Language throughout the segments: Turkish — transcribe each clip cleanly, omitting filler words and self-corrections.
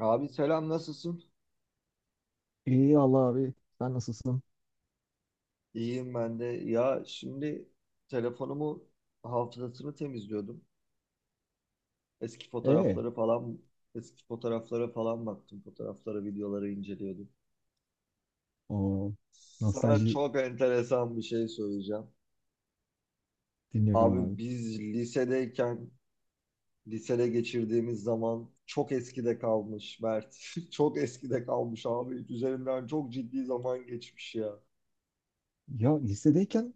Abi selam, nasılsın? İyi Allah abi. Sen nasılsın? İyiyim ben de. Ya şimdi telefonumu hafızasını temizliyordum. Eski Ee, fotoğrafları falan eski fotoğraflara falan baktım. Fotoğraflara, videoları inceliyordum. O Sana nostalji çok enteresan bir şey söyleyeceğim. dinliyorum Abi abi. biz lisedeyken lisede geçirdiğimiz zaman çok eskide kalmış Mert. Çok eskide kalmış abi. Üzerinden çok ciddi zaman geçmiş ya. Ya lisedeyken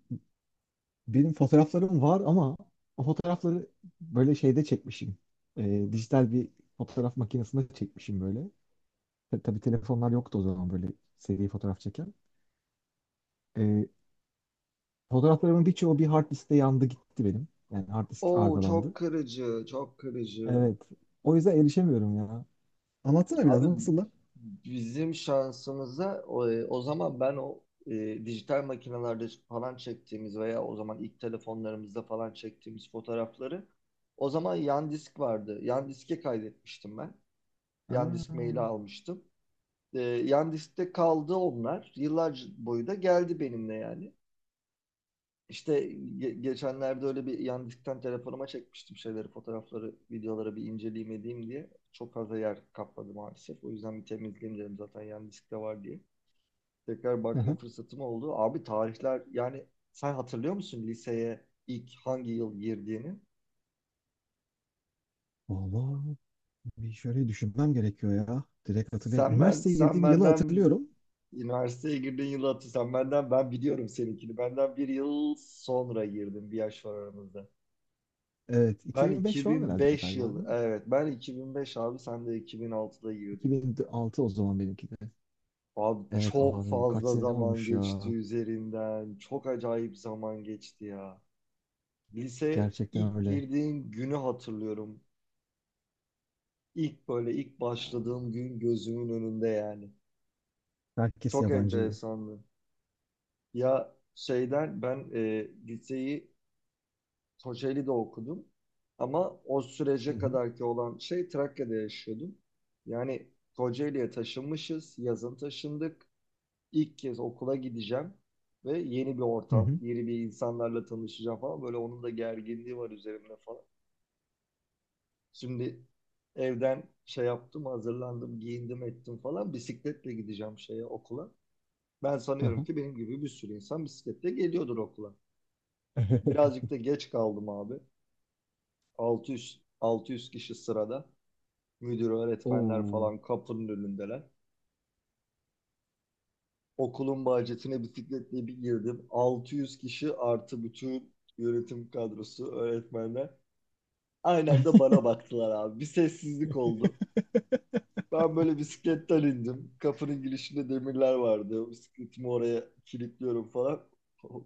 benim fotoğraflarım var ama o fotoğrafları böyle şeyde çekmişim. Dijital bir fotoğraf makinesinde çekmişim böyle. Tabi tabii telefonlar yoktu o zaman böyle seri fotoğraf çeken. Ee, Fotoğraflarımın birçoğu bir hard diskte yandı gitti benim. Yani hard disk Oo, çok arızalandı. kırıcı, çok kırıcı. Evet. O yüzden erişemiyorum ya. Anlatsana biraz Abi nasıllar? bizim şansımıza o zaman ben dijital makinelerde falan çektiğimiz veya o zaman ilk telefonlarımızda falan çektiğimiz fotoğrafları o zaman yan disk vardı. Yan diske kaydetmiştim ben. Yan disk maili Aa. almıştım. Yan diskte kaldı onlar. Yıllar boyu da geldi benimle yani. İşte geçenlerde öyle bir yandıktan telefonuma çekmiştim şeyleri, fotoğrafları, videoları bir inceleyeyim edeyim diye. Çok fazla yer kapladı maalesef. O yüzden bir temizleyeyim dedim zaten yan diskte var diye. Tekrar Hı bakma hı. fırsatım oldu. Abi tarihler yani, sen hatırlıyor musun liseye ilk hangi yıl girdiğini? Vallahi. Bir şöyle düşünmem gerekiyor ya. Direkt Sen hatırlayamıyorum. ben Üniversiteye sen girdiğim yılı benden hatırlıyorum. üniversiteye girdiğin yılı hatır. Sen benden, ben biliyorum seninkini. Benden 1 yıl sonra girdim. 1 yaş var aramızda. Evet, 2005 Ben falan 2005 herhalde galiba yıl değil mi? evet ben 2005 abi, sen de 2006'da girdin. 2006 o zaman benimki de. Abi Evet çok abi kaç fazla sene zaman olmuş ya. geçti üzerinden. Çok acayip zaman geçti ya. Lise Gerçekten ilk öyle. girdiğim günü hatırlıyorum. İlk başladığım gün gözümün önünde yani. Herkes Çok yabancı. enteresandı. Ya şeyden ben liseyi Kocaeli'de okudum. Ama o Hı sürece hı. kadarki olan şey Trakya'da yaşıyordum. Yani Kocaeli'ye taşınmışız, yazın taşındık. İlk kez okula gideceğim ve yeni bir Hı ortam, hı. yeni bir insanlarla tanışacağım falan. Böyle onun da gerginliği var üzerimde falan. Şimdi evden şey yaptım, hazırlandım, giyindim ettim falan. Bisikletle gideceğim şeye okula. Ben sanıyorum Aha. ki benim gibi bir sürü insan bisikletle geliyordur okula. Birazcık da geç kaldım abi. 600 kişi sırada. Müdür, öğretmenler Oo. falan kapının önündeler. Okulun bahçesine bisikletle bir girdim. 600 kişi artı bütün yönetim kadrosu, öğretmenler. Aynen de bana baktılar abi. Bir sessizlik oldu. Ben böyle bisikletten indim. Kapının girişinde demirler vardı. Bisikletimi oraya kilitliyorum falan.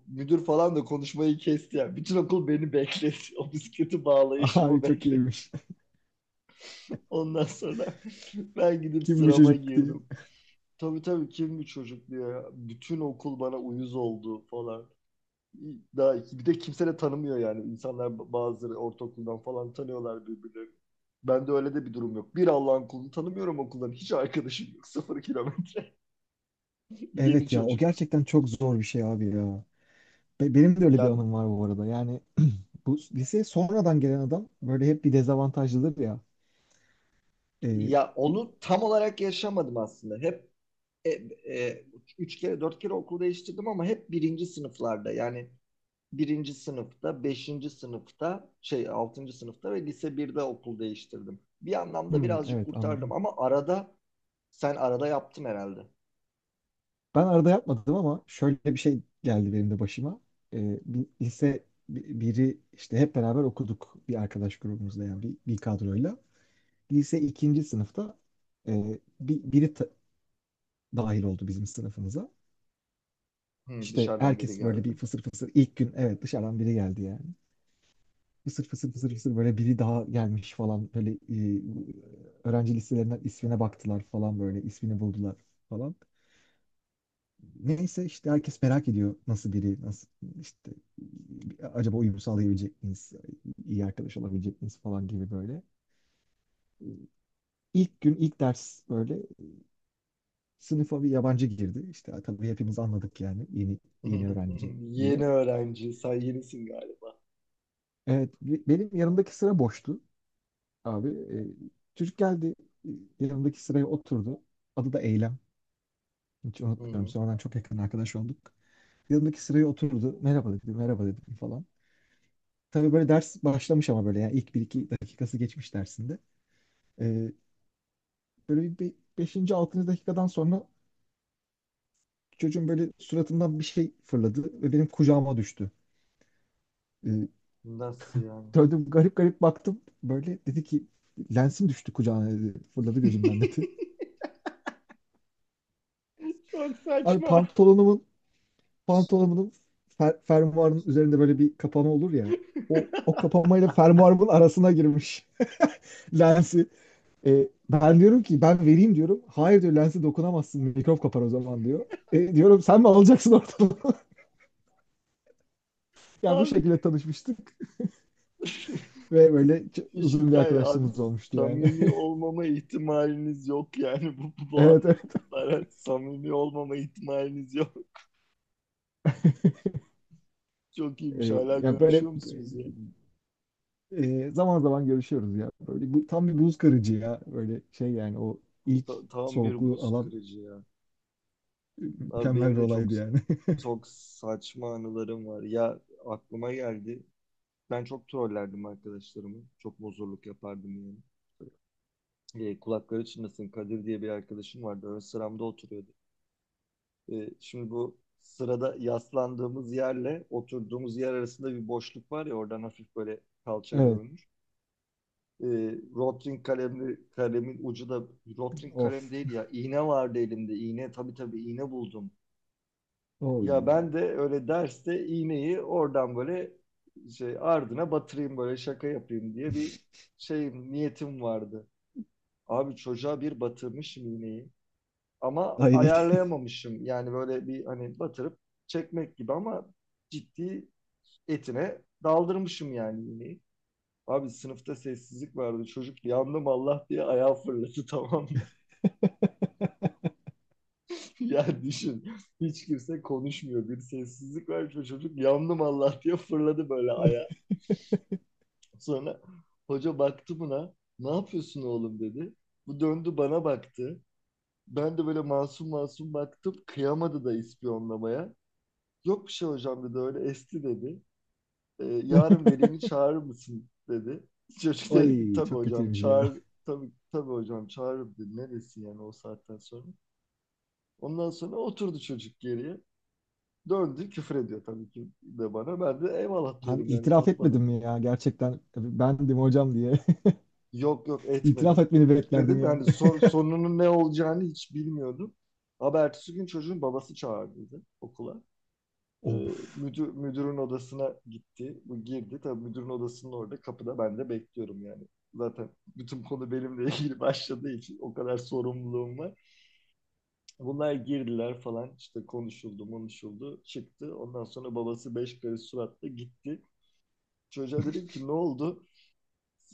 Müdür falan da konuşmayı kesti yani. Bütün okul beni bekletti. O bisikleti bağlayışımı Abi çok bekletti. iyiymiş. Ondan sonra ben gidip Kim bu sırama çocuk diye. girdim. Tabii tabii, kim bir çocuk diyor ya. Bütün okul bana uyuz oldu falan. Daha iki. Bir de kimse de tanımıyor yani. İnsanlar bazıları ortaokuldan falan tanıyorlar birbirlerini. Ben de öyle de bir durum yok. Bir Allah'ın kulunu tanımıyorum okuldan. Hiç arkadaşım yok. Sıfır kilometre. Yeni Evet ya o çocuk. gerçekten çok zor bir şey abi ya. Benim de öyle bir Ya anım var bu arada. Yani bu liseye sonradan gelen adam böyle hep bir dezavantajlıdır ya. Ee, ya onu tam olarak yaşamadım aslında. Hep e, e, üç kere dört kere okul değiştirdim ama hep birinci sınıflarda. Yani birinci sınıfta, beşinci sınıfta, şey altıncı sınıfta ve lise birde okul değiştirdim. Bir anlamda Hmm, birazcık evet kurtardım anladım. ama arada sen arada yaptın herhalde. Ben arada yapmadım ama şöyle bir şey geldi benim de başıma. Bir biri işte hep beraber okuduk bir arkadaş grubumuzla yani bir kadroyla. Lise ikinci sınıfta biri dahil oldu bizim sınıfımıza. Hı, İşte dışarıdan biri herkes böyle bir geldi. fısır fısır ilk gün evet dışarıdan biri geldi yani. Fısır fısır fısır fısır böyle biri daha gelmiş falan böyle öğrenci listelerinden ismine baktılar falan böyle ismini buldular falan. Neyse işte herkes merak ediyor nasıl biri, nasıl işte acaba uyum sağlayabilecek miyiz, iyi arkadaş olabilecek miyiz falan gibi böyle. İlk gün ilk ders böyle sınıfa bir yabancı girdi. İşte tabii hepimiz anladık yani yeni öğrenci diye. Yeni öğrenci, sen yenisin galiba. Evet benim yanımdaki sıra boştu abi. Çocuk geldi, e, yanımdaki sıraya oturdu. Adı da Eylem. Hiç Hı unutmuyorum. hı. Sonradan çok yakın arkadaş olduk. Yanımdaki sıraya oturdu. Merhaba dedi, merhaba dedim falan. Tabii böyle ders başlamış ama böyle yani ilk bir iki dakikası geçmiş dersinde. Ee, Böyle bir 5. 6. dakikadan sonra çocuğun böyle suratından bir şey fırladı ve benim kucağıma düştü. Ee, Nasıl yani? Şöyle garip garip baktım böyle, dedi ki lensim düştü kucağına dedi. Fırladı gözümden dedi. Çok Abi saçma. pantolonumun pantolonumun fermuarının üzerinde böyle bir kapama olur ya. O kapamayla fermuarımın arasına girmiş lensi. E, ben diyorum ki ben vereyim diyorum. Hayır diyor, lense dokunamazsın mikrop kapar o zaman diyor. E, diyorum sen mi alacaksın ortalığı? Yani bu Abi şekilde tanışmıştık ve böyle müthiş uzun bir hikaye abi. arkadaşlığımız olmuştu yani. Samimi olmama ihtimaliniz yok yani bu, bu Evet. andan Evet. itibaren samimi olmama ihtimaliniz yok. Çok iyiymiş. E, Hala ya böyle, görüşüyor musunuz ya? Zaman zaman görüşüyoruz ya. Böyle bu tam bir buz kırıcı ya. Böyle şey yani o ilk Tam bir soğukluğu buz alan kırıcı ya. Abi mükemmel benim bir de çok olaydı yani. çok saçma anılarım var. Ya, aklıma geldi. Ben çok trollerdim arkadaşlarımı. Çok bozurluk yapardım yani. E, kulakları çınlasın, Kadir diye bir arkadaşım vardı. Ön sıramda oturuyordu. E, şimdi bu sırada yaslandığımız yerle oturduğumuz yer arasında bir boşluk var ya, oradan hafif böyle kalça Evet. görünür. E, Rotring kalemli, kalemin ucu da Rotring kalem Of. değil ya. İğne vardı elimde. İğne tabii tabii iğne buldum. Oy. Ya ben de öyle derste iğneyi oradan böyle şey ardına batırayım, böyle şaka yapayım diye bir şey niyetim vardı. Abi çocuğa bir batırmışım iğneyi ama ayarlayamamışım. Yani böyle bir, hani batırıp çekmek gibi ama ciddi etine daldırmışım yani iğneyi. Abi sınıfta sessizlik vardı. Çocuk yandım Allah diye ayağı fırladı, tamam mı? Ya düşün. Hiç kimse konuşmuyor. Bir sessizlik var. Çocuk yandım Allah diye fırladı böyle ayağı. Ay. Sonra hoca baktı buna. Ne yapıyorsun oğlum dedi. Bu döndü bana baktı. Ben de böyle masum masum baktım. Kıyamadı da ispiyonlamaya. Yok bir şey hocam dedi, öyle esti dedi. E, yarın velini çağırır mısın dedi. Çocuk dedi ki, Ay tabii çok hocam kötüymüş ya. çağır, tabii tabii hocam çağırırım dedi. Neresi yani o saatten sonra. Ondan sonra oturdu çocuk geriye. Döndü küfür ediyor tabii ki de bana. Ben de eyvallah Abi diyorum yani, itiraf etmedim satmadım. mi ya, gerçekten bendim hocam diye. Yok yok, İtiraf etmedim. etmeni Etmedim beklerdim yani. yani sonunun ne olacağını hiç bilmiyordum. Ama ertesi gün çocuğun babası çağırdı okula. E, Of. Müdürün odasına gitti. Bu girdi. Tabii müdürün odasının orada kapıda ben de bekliyorum yani. Zaten bütün konu benimle ilgili başladığı için o kadar sorumluluğum var. Bunlar girdiler falan, işte konuşuldu konuşuldu çıktı. Ondan sonra babası 5 karış suratla gitti. Çocuğa dedim ki ne oldu?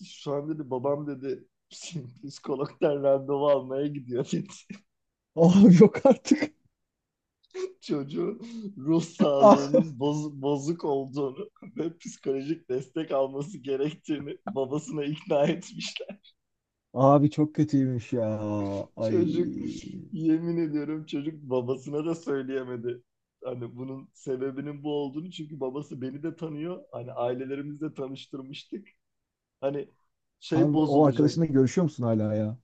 Şu an dedi babam dedi psikologdan randevu almaya gidiyor dedi. Abi yok artık. Çocuğu ruh Ah. sağlığının bozuk olduğunu ve psikolojik destek alması gerektiğini babasına ikna etmişler. Abi çok kötüymüş ya. Ay. Çocuk, yemin ediyorum çocuk babasına da söyleyemedi. Hani bunun sebebinin bu olduğunu, çünkü babası beni de tanıyor. Hani ailelerimizle tanıştırmıştık. Hani şey Abi o bozulacak. arkadaşınla görüşüyor musun hala ya?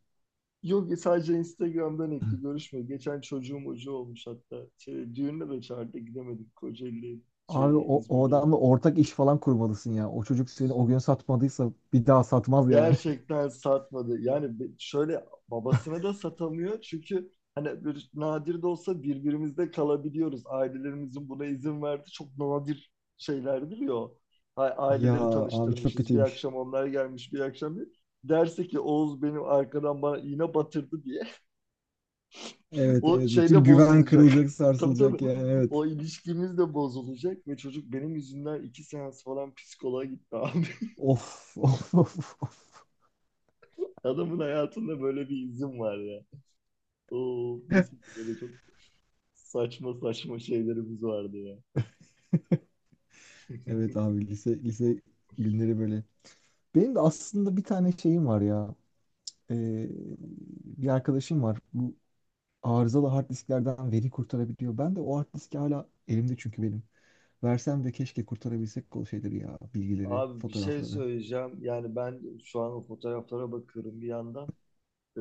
Yok, sadece Instagram'dan ekli görüşme. Geçen çocuğum ucu olmuş hatta. Şey, düğününe de çağırdı gidemedik. Kocaeli, Abi şey o İzmir'deydi. adamla ortak iş falan kurmalısın ya. O çocuk seni o gün satmadıysa bir daha satmaz yani. Gerçekten satmadı. Yani şöyle babasına da satamıyor. Çünkü hani bir, nadir de olsa birbirimizde kalabiliyoruz. Ailelerimizin buna izin verdi. Çok nadir şeylerdir ya o. Ya Aileleri abi çok tanıştırmışız. Bir kötüymüş. akşam onlar gelmiş, bir akşam bir. Derse ki Oğuz benim arkadan bana iğne batırdı diye. Evet, O evet, bütün şeyde güven bozulacak. kırılacak, Tabii tabii. sarsılacak yani, evet. O ilişkimiz de bozulacak ve çocuk benim yüzümden 2 seans falan psikoloğa gitti abi. Of of of of. Adamın hayatında böyle bir izin var ya. Oo, mis gibi böyle çok saçma saçma şeylerimiz vardı ya. Evet abi, lise günleri böyle. Benim de aslında bir tane şeyim var ya. Ee, Bir arkadaşım var. Bu arızalı hard disklerden veri kurtarabiliyor. Ben de o hard diski hala elimde çünkü benim. Versem de keşke kurtarabilsek o şeyleri ya. Bilgileri, Abi bir şey fotoğrafları. söyleyeceğim. Yani ben şu an o fotoğraflara bakıyorum bir yandan. Ee,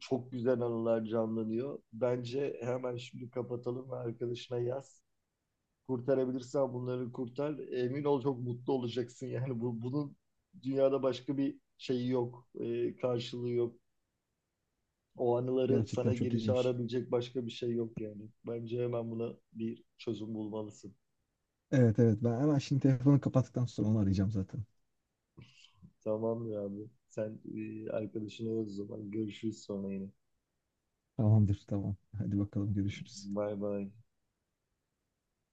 Çok güzel anılar canlanıyor. Bence hemen şimdi kapatalım ve arkadaşına yaz. Kurtarabilirsen bunları kurtar. Emin ol çok mutlu olacaksın. Yani bunun dünyada başka bir şeyi yok. Karşılığı yok. O anıları Gerçekten sana çok geri iyiymiş. çağırabilecek başka bir şey yok yani. Bence hemen buna bir çözüm bulmalısın. Evet, evet, ben hemen şimdi telefonu kapattıktan sonra onu arayacağım zaten. Tamamdır abi. Sen arkadaşına yaz o zaman. Görüşürüz sonra yine. Tamamdır, tamam. Hadi bakalım, görüşürüz. Bay bay.